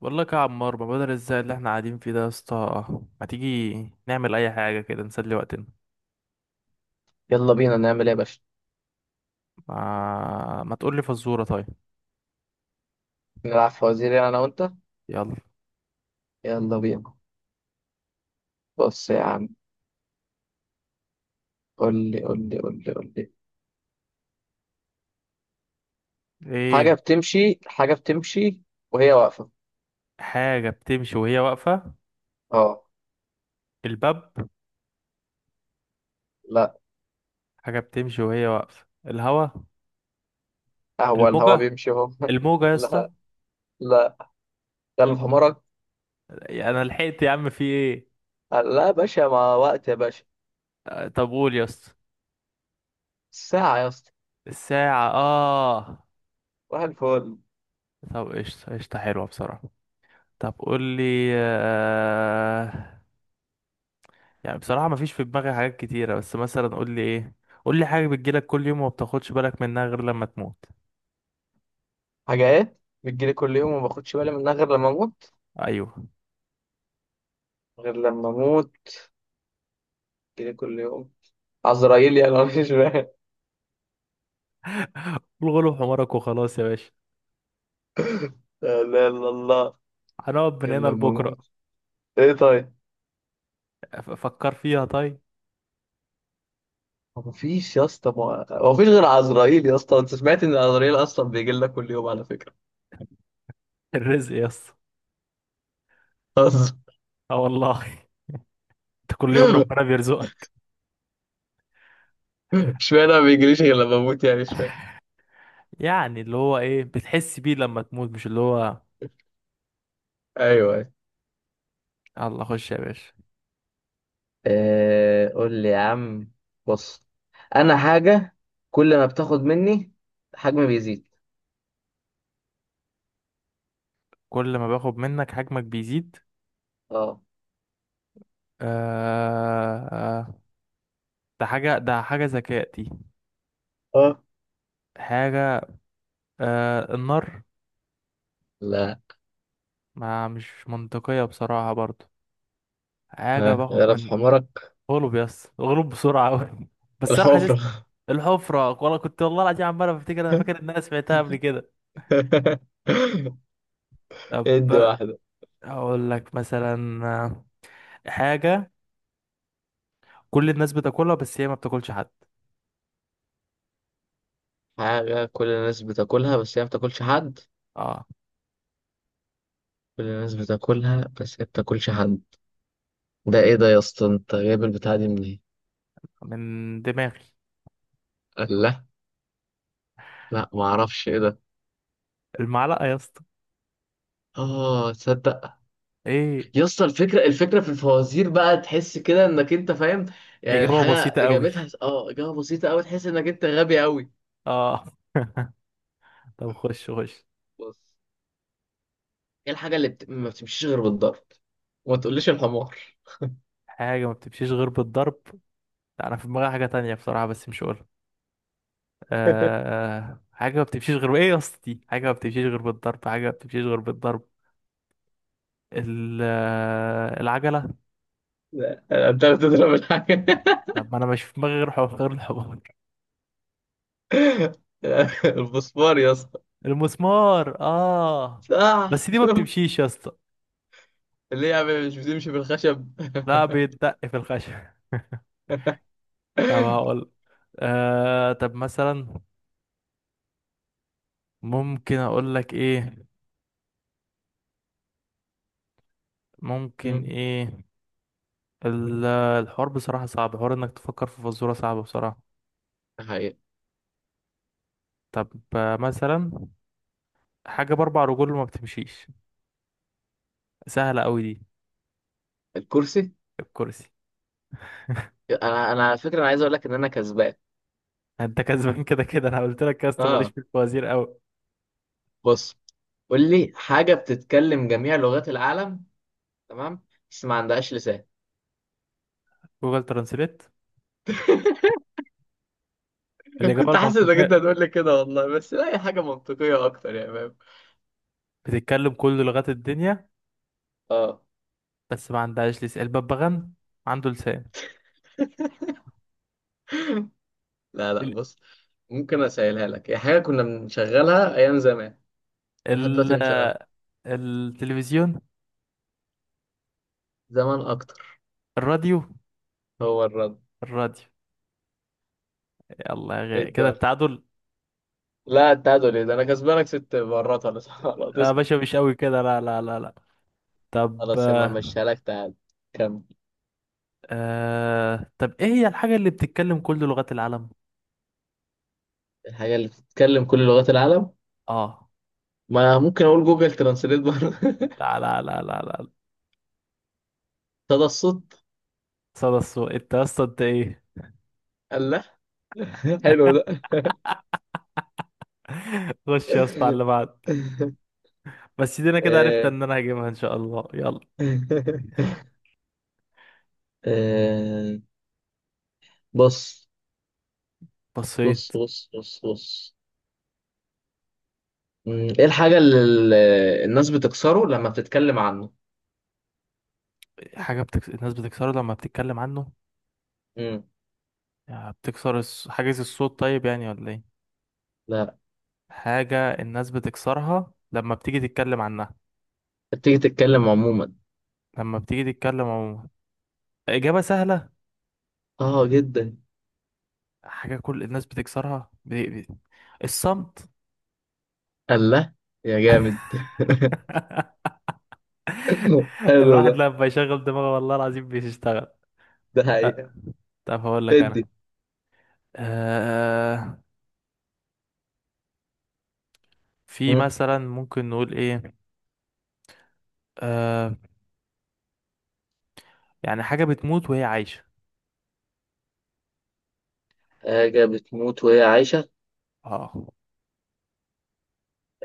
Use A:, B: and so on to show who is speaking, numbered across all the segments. A: والله يا عمار، ما بدل الزهق اللي احنا قاعدين فيه ده يا اسطى، ما تيجي نعمل اي حاجه كده نسلي وقتنا.
B: يلا بينا نعمل ايه يا باشا؟
A: ما تقول لي فزوره، طيب؟
B: نلعب فوازير يعني انا وانت.
A: يلا.
B: يلا بينا. بص يا عم. قول لي حاجة
A: ايه؟
B: بتمشي. حاجة بتمشي وهي واقفة.
A: حاجه بتمشي وهي واقفه؟
B: اه.
A: الباب.
B: لا.
A: حاجه بتمشي وهي واقفه؟ الهوا.
B: هو الهوا
A: الموجه
B: بيمشي اهو
A: الموجه يا
B: لا
A: اسطى.
B: لا، قلب حمرك.
A: انا لحقت يا عم، في ايه؟
B: لا يا باشا، مع وقت يا باشا.
A: آه، طب قول يا اسطى.
B: ساعة يا اسطى.
A: الساعه. اه.
B: واحد الفل.
A: طب، قشطه قشطه، حلوه بصراحه. طب قول لي يعني بصراحة مفيش في دماغي حاجات كتيرة، بس مثلا قول لي ايه. قول لي: حاجة بتجيلك كل يوم وما بتاخدش بالك منها غير لما تموت.
B: حاجات بتجيلي كل يوم وما باخدش بالي منها غير لما اموت،
A: ايوه.
B: غير لما اموت، بتجيلي كل يوم. عزرائيل يعني أنا مش فاهم.
A: الغلو حمارك وخلاص يا باشا.
B: لا،
A: هنقعد من
B: غير
A: هنا
B: لما
A: لبكرة.
B: اموت. ايه طيب.
A: فكر فيها طيب.
B: هو مفيش يا اسطى، هو مفيش غير عزرائيل يا اسطى. انت سمعت ان عزرائيل اصلا بيجي لنا كل يوم على فكره،
A: الرزق يا اسطى.
B: اصلا.
A: اه والله. انت كل يوم ربنا بيرزقك.
B: اشمعنى ما بيجيليش غير لما اموت يعني؟ اشمعنى.
A: يعني اللي هو ايه بتحس بيه لما تموت، مش اللي هو.
B: ايوه.
A: الله، خش يا باشا.
B: آه، قول لي يا عم. بص، انا حاجة كل ما بتاخد مني حجمي بيزيد.
A: كل ما باخد منك حجمك بيزيد.
B: اه.
A: آه... آه، ده حاجة ذكاء دي.
B: اه.
A: حاجة. النار.
B: لا.
A: ما مش منطقية بصراحة برضو. حاجة
B: ها،
A: باخد
B: غرف
A: من.
B: حمرك.
A: غلب يس، غلب بسرعة أوي. بس أنا حاسس.
B: الحفرة.
A: الحفرة، والله كنت والله العظيم عمال بفتكر، أنا فاكر إن أنا سمعتها قبل كده. طب
B: ادي واحدة.
A: أقول لك مثلا حاجة كل الناس بتاكلها بس هي ما بتاكلش حد.
B: حاجة كل الناس بتاكلها بس هي ما بتاكلش حد.
A: اه.
B: كل الناس بتاكلها بس هي ما بتاكلش حد. ده ايه ده يا اسطى؟ انت جايب البتاعه دي منين؟
A: من دماغي.
B: قال لا. لا، ما اعرفش ايه ده.
A: المعلقة يا اسطى.
B: اه تصدق؟
A: ايه؟
B: يا اسطى الفكره، الفكره في الفوازير بقى تحس كده انك انت فاهم، يعني
A: إجابة
B: الحاجه
A: بسيطة أوي.
B: اجابتها اه اجابه بسيطه قوي تحس انك انت غبي قوي.
A: اه. طب، خش خش.
B: بص، ايه الحاجه اللي ما بتمشيش غير بالضرب؟ وما تقوليش الحمار.
A: حاجة ما بتمشيش غير بالضرب. لا، أنا في دماغي حاجة تانية بصراحة بس مش هقولها. حاجة ما بتمشيش غير ايه يا اسطى؟ دي حاجة ما بتمشيش غير بالضرب، حاجة ما بتمشيش غير بالضرب. العجلة.
B: لا، انت بتضرب الحاجه.
A: طب ما انا مش في دماغي غير حوار، غير الحوار.
B: الفوسفور يا اسطى.
A: المسمار. اه.
B: صح،
A: بس دي ما
B: شوف.
A: بتمشيش يا اسطى.
B: ليه يا عم؟ مش بتمشي بالخشب؟
A: لا، بيتدق في الخشب. طب هقول. طب مثلا ممكن اقول لك ايه، ممكن
B: مم.
A: ايه. الحوار بصراحة صعب، حوار انك تفكر في فزورة صعبة بصراحة.
B: ده حقيقة.
A: طب مثلا حاجة بأربع رجول وما بتمشيش، سهلة أوي دي.
B: الكرسي.
A: الكرسي.
B: انا على فكره انا عايز اقول لك ان انا كسبان.
A: انت كسبان كده كده، انا قلت لك يا اسطى ماليش
B: اه.
A: في الفوازير قوي.
B: بص، قول لي حاجه بتتكلم جميع لغات العالم، تمام، بس ما عندهاش لسان.
A: جوجل ترانسليت. الاجابه
B: كنت حاسس انك
A: المنطقيه:
B: انت هتقول لي كده والله، بس لا، هي حاجه منطقيه اكتر، يا فاهم.
A: بتتكلم كل لغات الدنيا
B: اه.
A: بس ما عندهاش لسان. الببغان عنده لسان.
B: لا
A: ال...
B: بص، ممكن اسهلها لك، هي حاجه كنا بنشغلها ايام زمان ولحد
A: ال...
B: دلوقتي بنشغلها،
A: التلفزيون.
B: زمان اكتر.
A: الراديو.
B: هو الرد.
A: الراديو. يلا يا
B: إيه
A: غالي، كده
B: الدنيا.
A: التعادل.
B: لا التعادل ايه ده؟ انا كسبانك ست مرات، ولا خلاص
A: يا
B: اسكت.
A: باشا مش قوي كده، لا، لا، لا، لا. طب
B: خلاص يا عم، مشيها لك تعادل. كمل.
A: طب ايه هي الحاجه اللي بتتكلم كل لغات العالم؟
B: الحاجه اللي بتتكلم كل لغات العالم؟
A: اه.
B: ما أنا ممكن اقول جوجل ترانسليت برضه
A: لا، لا، لا، لا، لا.
B: صدى الصوت.
A: صدى الصوت؟ انت يا اسطى انت ايه!
B: الله. حلو ده.
A: خش يا اسطى على اللي بعد. بس دي انا كده عرفت
B: آه.
A: ان انا هجيبها ان شاء الله، يلا.
B: آه. بص
A: بصيت.
B: بص بص بص بص ايه الحاجة اللي الناس بتكسره لما بتتكلم عنه؟
A: الناس بتكسره لما بتتكلم عنه.
B: مم.
A: يعني بتكسر حاجز الصوت، طيب يعني ولا ايه؟
B: لا،
A: حاجة الناس بتكسرها لما بتيجي تتكلم عنها.
B: بتيجي تتكلم عموما.
A: لما بتيجي تتكلم عموما. إجابة سهلة.
B: اه جدا.
A: حاجة كل الناس بتكسرها الصمت.
B: الله. يا جامد. حلو
A: الواحد
B: ده.
A: لما يشغل دماغه والله العظيم بيشتغل.
B: ده
A: أه،
B: حقيقة.
A: طب هقول لك انا.
B: ادي.
A: أه... في
B: مم.
A: مثلا ممكن نقول ايه. أه... يعني حاجة بتموت وهي عايشة.
B: حاجة بتموت وهي عايشة.
A: اه.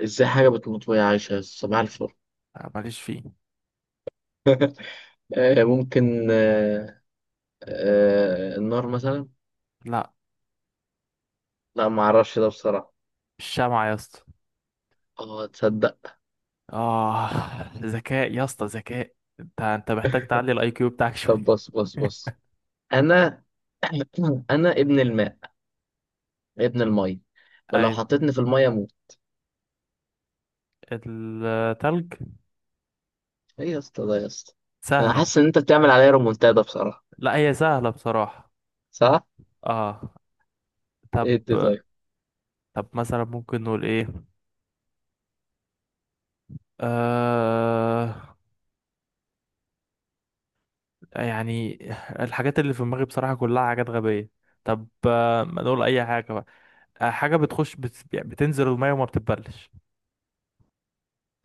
B: ازاي حاجة بتموت وهي عايشة؟ صباح الفل.
A: لا، ماليش فيه.
B: آه، ممكن، آه، آه، النار مثلا.
A: لا.
B: لا، ما اعرفش ده بصراحة.
A: الشمعة يا اسطى.
B: اه تصدق؟
A: اه. ذكاء يا اسطى ذكاء. انت محتاج تعلي الاي كيو بتاعك
B: طب
A: شوية.
B: بص بص. انا انا ابن الماء، ابن المية، ولو
A: ايوه.
B: حطيتني في المية اموت.
A: التلج.
B: ايه يا اسطى ده يا اسطى؟ انا
A: سهلة.
B: حاسس ان انت بتعمل عليا رومونتادا بصراحة.
A: لا، هي سهلة بصراحة.
B: صح.
A: اه.
B: ايه دي
A: طب
B: طيب؟
A: طب مثلا ممكن نقول ايه. آه يعني الحاجات اللي في دماغي بصراحة كلها حاجات غبية. طب ما نقول اي حاجة بقى. حاجة يعني بتنزل المية وما بتتبلش.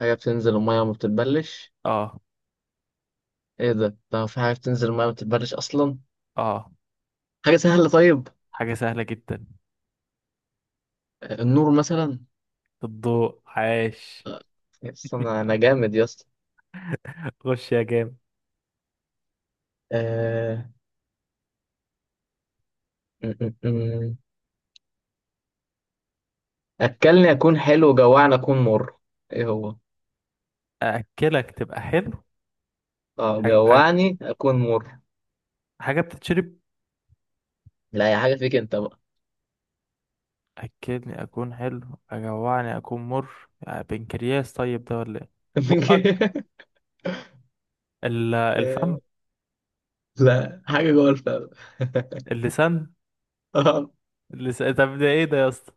B: حاجة بتنزل المية وما بتتبلش.
A: اه.
B: ايه ده؟ ده في حاجة بتنزل المية وما بتتبلش اصلا؟
A: اه.
B: حاجة سهلة طيب.
A: حاجة سهلة جدا.
B: آه، النور مثلا.
A: الضوء، عاش.
B: آه، يا اسطى انا، أنا جامد يا اسطى.
A: خش يا جامد.
B: آه، أكلني أكون حلو، جوعني أكون مر. إيه هو؟
A: أأكلك تبقى حلو.
B: أه،
A: حاج- حاج-
B: جوعني أكون مر.
A: حاجة بتتشرب.
B: لا يا حاجة، فيك أنت بقى.
A: أكلني أكون حلو، أجوعني أكون مر، يعني بنكرياس طيب ده ولا إيه؟ بقك. الفم.
B: لا، حاجة جوه الفم.
A: اللسان.
B: اه.
A: اللسان. طب ده إيه ده يا اسطى؟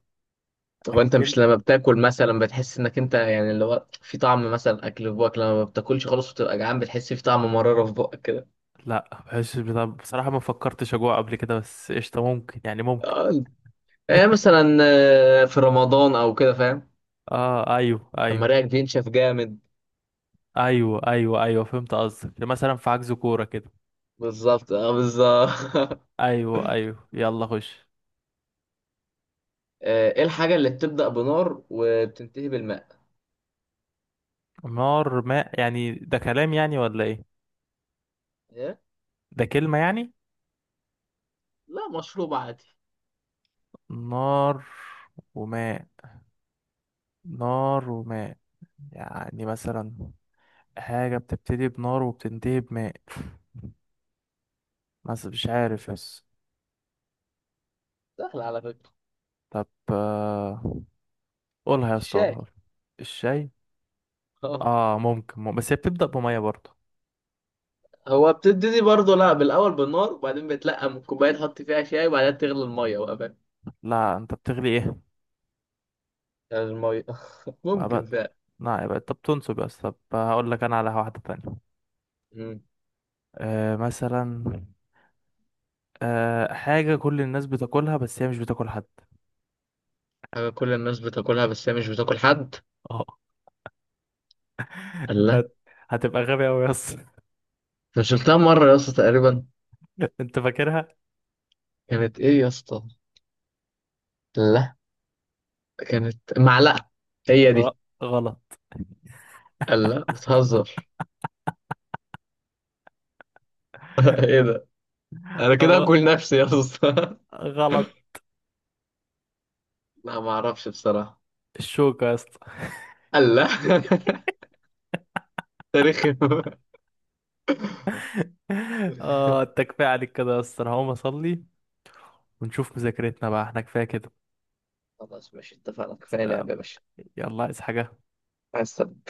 B: هو أنت
A: أكل.
B: مش لما بتاكل مثلا بتحس إنك أنت يعني اللي هو في طعم مثلا أكل في بقك، لما ما بتاكلش خالص وتبقى جعان بتحس في طعم مرارة في بقك كده.
A: لا، بحس بصراحة ما فكرتش أجوع قبل كده، بس قشطة ممكن، يعني ممكن.
B: اه، يعني مثلا آه، في رمضان أو كده فاهم؟
A: آه، أيوه،
B: لما
A: أيوه.
B: ريقك بينشف جامد.
A: أيوه، أيوه، أيوه، فهمت قصدك، مثلا في عجز كورة كده.
B: بالظبط، أه بالظبط.
A: أيوه، أيوه، يلا خش.
B: آه، إيه الحاجة اللي بتبدأ بنار وبتنتهي بالماء؟
A: نار، ماء، يعني ده كلام يعني ولا ايه؟
B: إيه؟
A: ده كلمة يعني؟
B: لا، مشروب عادي.
A: نار وماء. نار وماء. يعني مثلا حاجة بتبتدي بنار وبتنتهي بماء، بس مش عارف بس.
B: سهل على فكرة.
A: طب قولها يا اسطى، قولها،
B: الشاي.
A: قولها. الشاي.
B: اه
A: اه ممكن، بس هي بتبدأ بمية برضه.
B: هو بتبتدي برضه، لا، بالأول بالنار وبعدين بتلقى من الكوباية تحط فيها شاي وبعدين تغلي المية بقى فاهم؟
A: لا، انت بتغلي ايه؟
B: المية.
A: بقى
B: ممكن
A: بقى.
B: فعلا.
A: لا، يبقى انت بتنصب يا اسطى. طب هقول لك انا على واحدة تانية.
B: مم.
A: مثلا حاجة كل الناس بتاكلها بس هي مش بتاكل حد.
B: حاجة كل الناس بتاكلها بس هي مش بتاكل حد.
A: آه.
B: الله.
A: انت هتبقى غبي قوي يا اسطى.
B: أنا شلتها مرة يا اسطى تقريبا.
A: انت فاكرها؟
B: كانت إيه يا اسطى؟ الله. كانت معلقة. هي
A: غ-
B: دي.
A: غلط.
B: الله بتهزر. إيه ده؟ أنا كده
A: غ-
B: أكل نفسي يا اسطى.
A: غلط.
B: لا، ما أعرفش بصراحة.
A: الشوكة يا اسطى.
B: الله. تاريخي.
A: اه، انت كفاية عليك كده يا اسطى، انا هقوم اصلي ونشوف مذاكرتنا بقى، احنا كفاية كده.
B: خلاص ماشي، اتفقنا، كفاية
A: آه،
B: لعبة يا باشا.
A: يلا، عايز حاجة؟
B: عايز.